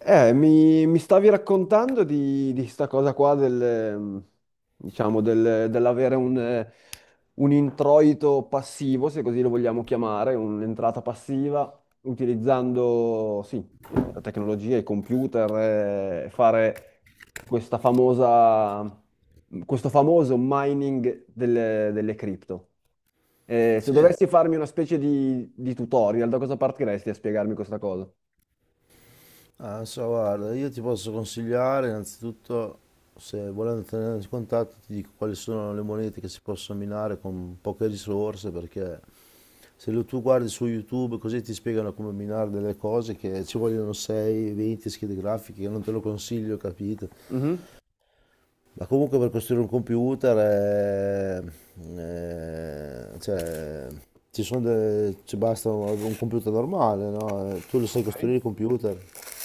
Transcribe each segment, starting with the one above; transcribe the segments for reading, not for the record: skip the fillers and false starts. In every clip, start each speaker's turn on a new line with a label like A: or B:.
A: Mi stavi raccontando di sta cosa qua del, diciamo, dell'avere un introito passivo, se così lo vogliamo chiamare, un'entrata passiva, utilizzando, sì, la tecnologia, i computer, fare questa famosa, questo famoso mining delle cripto. Se
B: Sì,
A: dovessi farmi una specie di tutorial, da cosa partiresti a spiegarmi questa cosa?
B: ah, so, guarda, io ti posso consigliare innanzitutto, se volendo tenere in contatto, ti dico quali sono le monete che si possono minare con poche risorse, perché se lo tu guardi su YouTube così ti spiegano come minare delle cose che ci vogliono 6, 20 schede grafiche, che non te lo consiglio, capito?
A: Mhm.
B: Ma comunque per costruire un computer, cioè, ci sono ci basta un computer normale, no? Tu lo sai
A: Ok.
B: costruire il computer?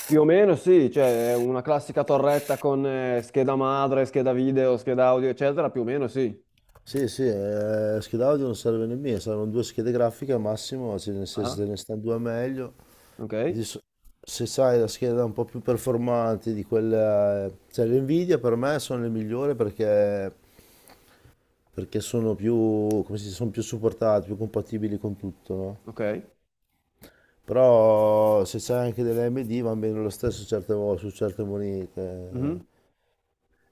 A: Più o meno sì, cioè è una classica torretta con scheda madre, scheda video, scheda audio, eccetera, più o meno sì.
B: Sì, sì, scheda audio non serve nemmeno, servono due schede grafiche al massimo, cioè, nel senso,
A: Ah,
B: se ne stanno due meglio.
A: ok,
B: Adesso, se sai la scheda un po' più performante di quella, cioè le Nvidia per me sono le migliori perché sono più, come si dice, sono più supportate, più compatibili con tutto, no?
A: ok.
B: Però se c'è anche delle AMD va bene lo stesso certe volte, su certe monete.
A: Mhm.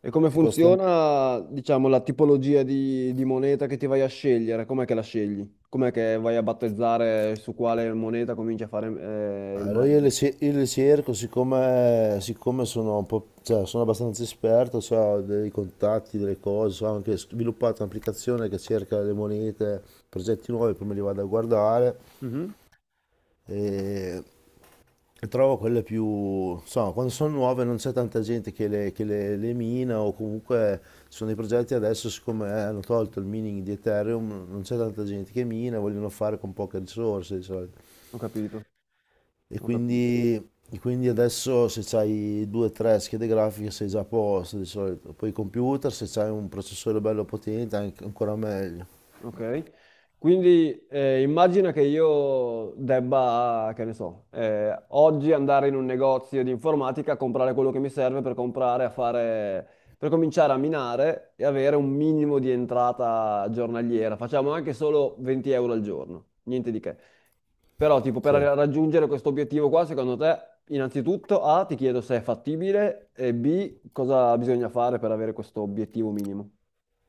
A: E come
B: Ti costa,
A: funziona, diciamo, la tipologia di moneta che ti vai a scegliere? Com'è che la scegli? Com'è che vai a battezzare su quale moneta cominci a fare il
B: Allora
A: mining?
B: io le cerco, siccome sono un po', cioè, sono abbastanza esperto, cioè, ho dei contatti, delle cose, so, ho anche sviluppato un'applicazione che cerca le monete, progetti nuovi, prima li vado a guardare
A: Mhm.
B: e, e trovo quelle più, insomma, quando sono nuove non c'è tanta gente le mina o comunque ci sono dei progetti adesso, siccome hanno tolto il mining di Ethereum, non c'è tanta gente che mina, vogliono fare con poche risorse di solito.
A: Ho capito,
B: E
A: ho capito.
B: quindi, e quindi adesso se c'hai due o tre schede grafiche sei già a posto di solito. Poi i computer, se c'hai un processore bello potente, ancora meglio.
A: Ok, quindi immagina che io debba, che ne so, oggi andare in un negozio di informatica a comprare quello che mi serve per comprare, a fare, per cominciare a minare e avere un minimo di entrata giornaliera. Facciamo anche solo 20 euro al giorno, niente di che. Però, tipo,
B: Sì.
A: raggiungere questo obiettivo qua, secondo te, innanzitutto, A, ti chiedo se è fattibile e B, cosa bisogna fare per avere questo obiettivo minimo.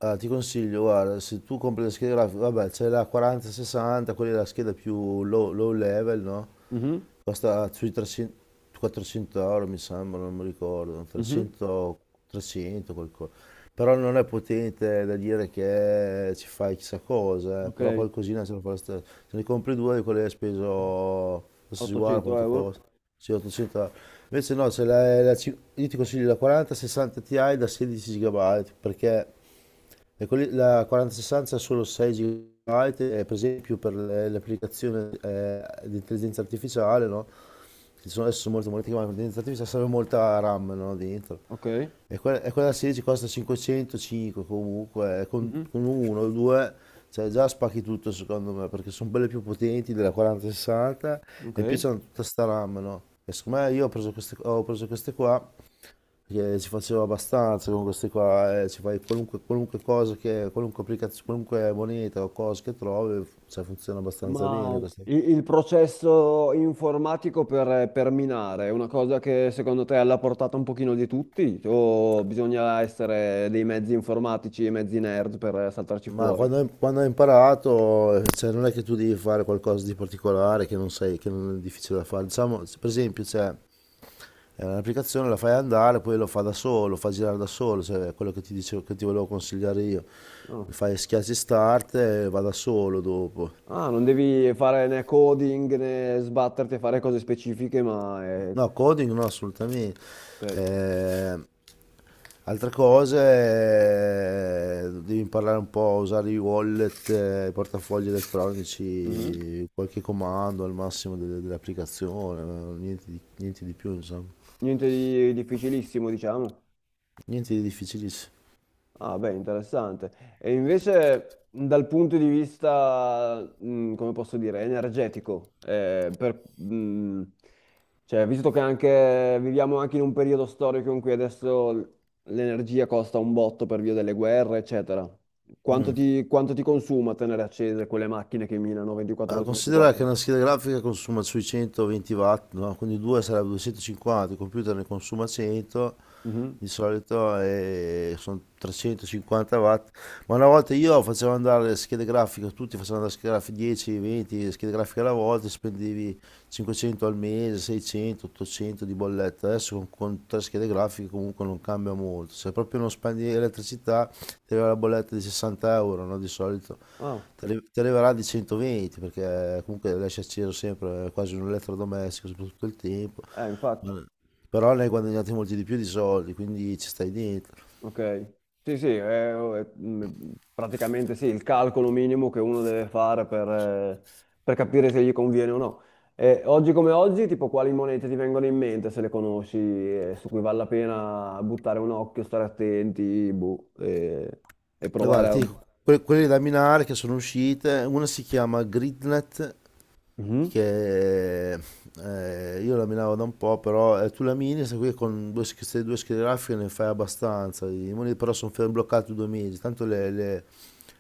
B: Ah, ti consiglio, guarda, se tu compri le schede grafiche, vabbè, c'è la 4060, quella è la scheda più low, low level, no?
A: Mhm,
B: Costa sui 300, 400 euro mi sembra, non mi ricordo,
A: mhm,
B: 300, 300 qualcosa. Però non è potente da dire che ci fai chissà cosa, però
A: ok.
B: qualcosina se lo fa lo stesso. Se ne compri due di quelli hai speso, adesso si guarda
A: 800
B: quanto
A: euro,
B: costa, sì 800 euro. Invece no, se la, la ci- io ti consiglio la 4060 Ti da 16 GB La 4060 ha solo 6 GB, e per esempio per le applicazioni di intelligenza artificiale, no? Che sono adesso sono molto molto chiamate, intelligenza artificiale serve molta RAM, no? Dentro.
A: ok,
B: E quella 16 costa 505 comunque, e con,
A: mhm,
B: con uno o due, cioè già spacchi tutto secondo me, perché sono belle più potenti della 4060
A: ok.
B: e in più c'hanno tutta sta RAM, no? E secondo me io ho preso queste qua perché si faceva abbastanza con questi qua, ci fai qualunque cosa che, qualunque applicazione, qualunque moneta o cosa che trovi, cioè, funziona abbastanza
A: Ma
B: bene questa.
A: il processo informatico per minare è una cosa che secondo te è alla portata un pochino di tutti? O bisogna essere dei mezzi informatici e mezzi nerd per saltarci
B: Ma
A: fuori?
B: quando hai imparato, cioè, non è che tu devi fare qualcosa di particolare che non sai, che non è difficile da fare. Diciamo, per esempio, cioè, è un'applicazione la fai andare, poi lo fa da solo, lo fa girare da solo, cioè, è quello che ti dicevo, che ti volevo consigliare io.
A: No.
B: Fai, schiacci start e va da solo dopo.
A: Ah, non devi fare né coding né sbatterti a fare cose specifiche, ma è...
B: No, coding no, assolutamente.
A: Ok.
B: Eh, Altre cose, devi imparare un po' a usare i wallet, i portafogli
A: Mhm.
B: elettronici, qualche comando al massimo dell'applicazione, niente di più, insomma.
A: Niente di difficilissimo, diciamo.
B: Niente di difficilissimo.
A: Ah, beh, interessante. E invece dal punto di vista, come posso dire, energetico, cioè, visto che anche, viviamo anche in un periodo storico in cui adesso l'energia costa un botto per via delle guerre, eccetera,
B: Mm.
A: quanto ti consuma tenere accese quelle macchine che minano 24
B: Ah,
A: ore su
B: considera che
A: 24?
B: una scheda grafica consuma sui 120 watt, no? Quindi 2 sarebbe 250, il computer ne consuma 100
A: Mhm.
B: di solito sono 350 watt, ma una volta io facevo andare le schede grafiche, tutti facevano andare le schede grafiche 10, 20 schede grafiche alla volta, spendevi 500 al mese, 600, 800 di bolletta, adesso con tre schede grafiche comunque non cambia molto, se proprio non spendi elettricità ti arriva la bolletta di 60 euro, no? Di solito
A: Ah,
B: ti arriverà di 120 perché comunque lasci acceso sempre, è quasi un elettrodomestico soprattutto il tempo.
A: infatti.
B: Ma però ne hai guadagnati molti di più di soldi, quindi ci stai dentro.
A: Ok, sì, sì, praticamente sì, il calcolo minimo che uno deve fare per capire se gli conviene o no. E oggi come oggi, tipo quali monete ti vengono in mente se le conosci, su cui vale la pena buttare un occhio, stare attenti, boh, e
B: E
A: provare
B: guarda, ti
A: a...
B: dico, quelle da minare che sono uscite, una si chiama Gridnet
A: Mhm,
B: che io laminavo da un po', però, tu lamini, questa qui con queste due schede grafiche ne fai abbastanza, i moniti però sono fermi bloccati 2 mesi, tanto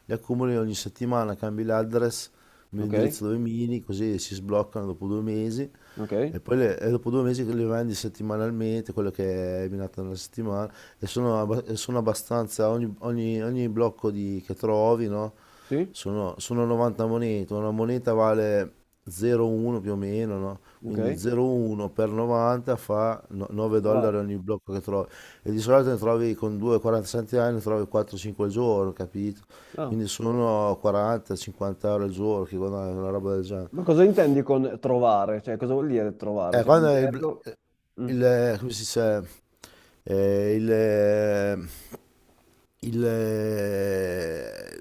B: le accumuli ogni settimana, cambi l'address,
A: ok,
B: l'indirizzo dove mini, così si sbloccano dopo 2 mesi
A: ok,
B: e poi e dopo 2 mesi le vendi settimanalmente, quello che hai minato nella settimana e e sono abbastanza, ogni blocco che trovi, no?
A: sì,
B: Sono 90 monete, una moneta vale 0,1 più o meno, no? Quindi
A: ok.
B: 0,1 per 90 fa 9
A: Ma va-
B: dollari ogni blocco che trovi. E di solito ne trovi con 2,40 centesimi, ne trovi 4-5 al giorno, capito?
A: ah,
B: Quindi sono 40-50 euro al giorno che guadagni una roba del genere.
A: Ma cosa intendi con trovare? Cioè, cosa vuol dire trovare? Cioè, un
B: Quando è il, bl-
A: gergo? Mm.
B: il- Come si dice, Eh, il, eh, il, eh,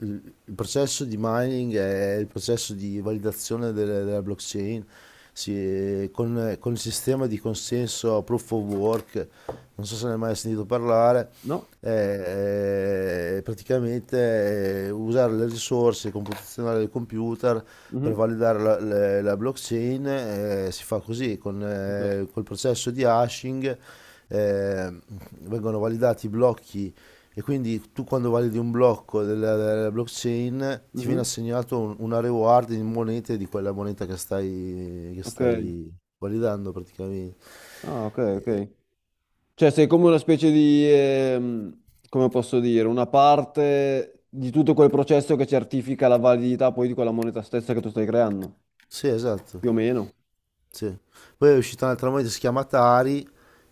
B: il processo di mining è il processo di validazione della blockchain con il sistema di consenso proof of work, non so se ne hai mai sentito parlare,
A: No?
B: usare le risorse computazionali del computer per
A: Mhm,
B: validare la blockchain si fa così
A: ok.
B: col processo di hashing eh, vengono validati i blocchi e quindi tu quando validi un blocco della blockchain ti viene
A: Mhm.
B: assegnato una reward in monete di quella moneta che stai,
A: Ok,
B: validando praticamente.
A: ah, ok, ok. Cioè sei come una specie di, come posso dire, una parte di tutto quel processo che certifica la validità poi di quella moneta stessa che tu stai creando,
B: Sì, esatto.
A: più o meno,
B: Sì. Poi è uscita un'altra moneta, si chiama Tari,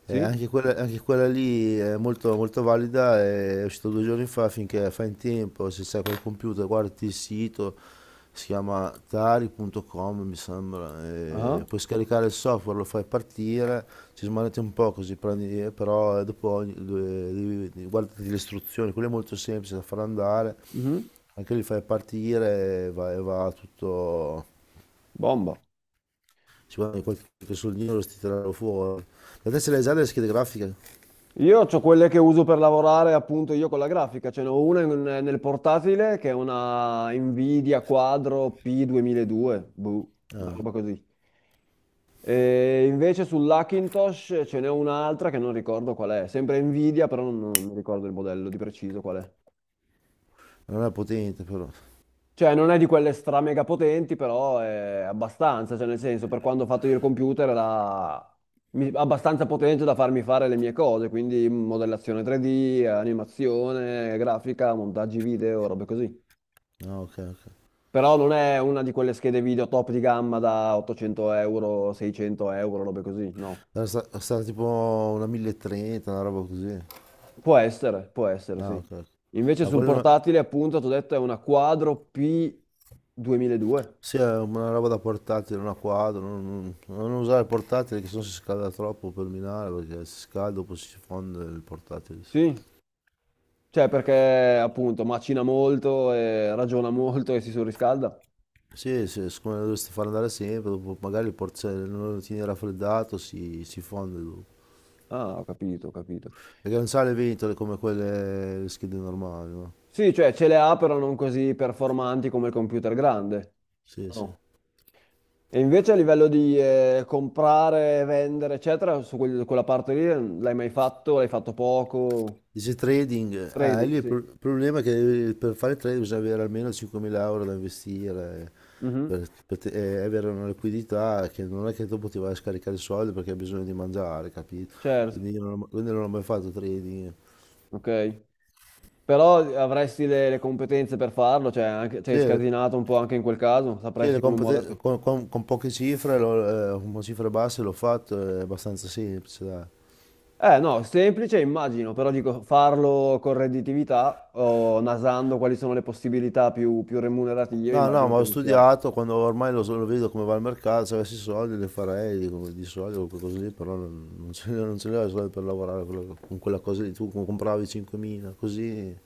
A: sì?
B: anche quella lì è molto, molto valida, è uscita 2 giorni fa, finché fai in tempo, se sei col computer guardi il sito, si chiama tari.com, mi sembra,
A: Ah,
B: puoi scaricare il software, lo fai partire, ci smanetti un po' così, prendi, però dopo guardati le istruzioni, quello è molto semplice da far andare,
A: mhm.
B: anche lì fai partire e va tutto,
A: Bomba.
B: ci guadagni qualche soldino lo ti tirano fuori. La te se l'hai già le schede grafiche?
A: Io ho quelle che uso per lavorare appunto io con la grafica, ce n'ho una in- nel portatile che è una Nvidia Quadro P2002, boh, una
B: Ah,
A: roba così. E invece sull'Hackintosh ce n'è un'altra che non ricordo qual è, sempre Nvidia, però non mi ricordo il modello di preciso qual è.
B: Non è potente però.
A: Cioè, non è di quelle stra mega potenti, però è abbastanza, cioè nel senso, per quando ho fatto io il computer era abbastanza potente da farmi fare le mie cose, quindi modellazione 3D, animazione, grafica, montaggi video, robe così.
B: Ah, ok, ok.
A: Però non è una di quelle schede video top di gamma da 800 euro, 600 euro, robe così, no.
B: Era sta tipo una 1030, una roba così.
A: Può essere,
B: Ah,
A: sì.
B: ok. Ok.
A: Invece
B: Ma ah,
A: sul
B: quello non-
A: portatile, appunto, ti ho detto è una Quadro P 2002.
B: sì, è una roba da portatile, una quadro. Non usare il portatile che sennò si scalda troppo per minare perché si scalda dopo si fonde il portatile.
A: Sì, cioè perché appunto macina molto e ragiona molto e si surriscalda.
B: Sì, sì, siccome lo dovresti far andare sempre, dopo magari se non lo tieni raffreddato si fonde dopo.
A: Ah, ho capito, ho capito.
B: Perché non sa le ventole come quelle le schede normali, no?
A: Sì, cioè ce le ha però non così performanti come il computer grande.
B: Sì, sì.
A: No. E invece a livello di comprare, vendere, eccetera, su quella parte lì l'hai mai fatto? L'hai fatto poco?
B: Dice trading,
A: Trading,
B: lì
A: sì.
B: il problema è che per fare trading bisogna avere almeno 5.000 euro da investire,
A: Mhm,
B: per avere una liquidità che non è che dopo ti vai a scaricare i soldi perché hai bisogno di mangiare, capito?
A: certo.
B: Quindi non ho mai fatto trading.
A: Ok. Però avresti le competenze per farlo, cioè anche,
B: Sì,
A: sei scasinato un po' anche in quel caso,
B: sì,
A: sapresti
B: le
A: come
B: compete-
A: muoverti.
B: con poche cifre, con cifre basse l'ho fatto, è abbastanza semplice, dai.
A: Eh no, semplice immagino, però dico farlo con redditività o nasando quali sono le possibilità più remunerative,
B: No, no,
A: immagino
B: ma
A: che
B: ho
A: non sia...
B: studiato, quando ormai lo vedo come va il mercato, se avessi soldi li farei di soldi o qualcosa lì, però non ce li ho, non ce li ho i soldi per lavorare con quella cosa lì, tu compravi 5.000, così.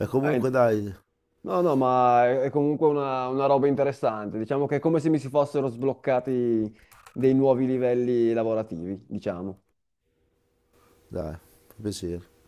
B: E
A: Eh,
B: comunque dai,
A: no, no, ma è comunque una roba interessante, diciamo che è come se mi si fossero sbloccati dei nuovi livelli lavorativi, diciamo.
B: dai, fa piacere.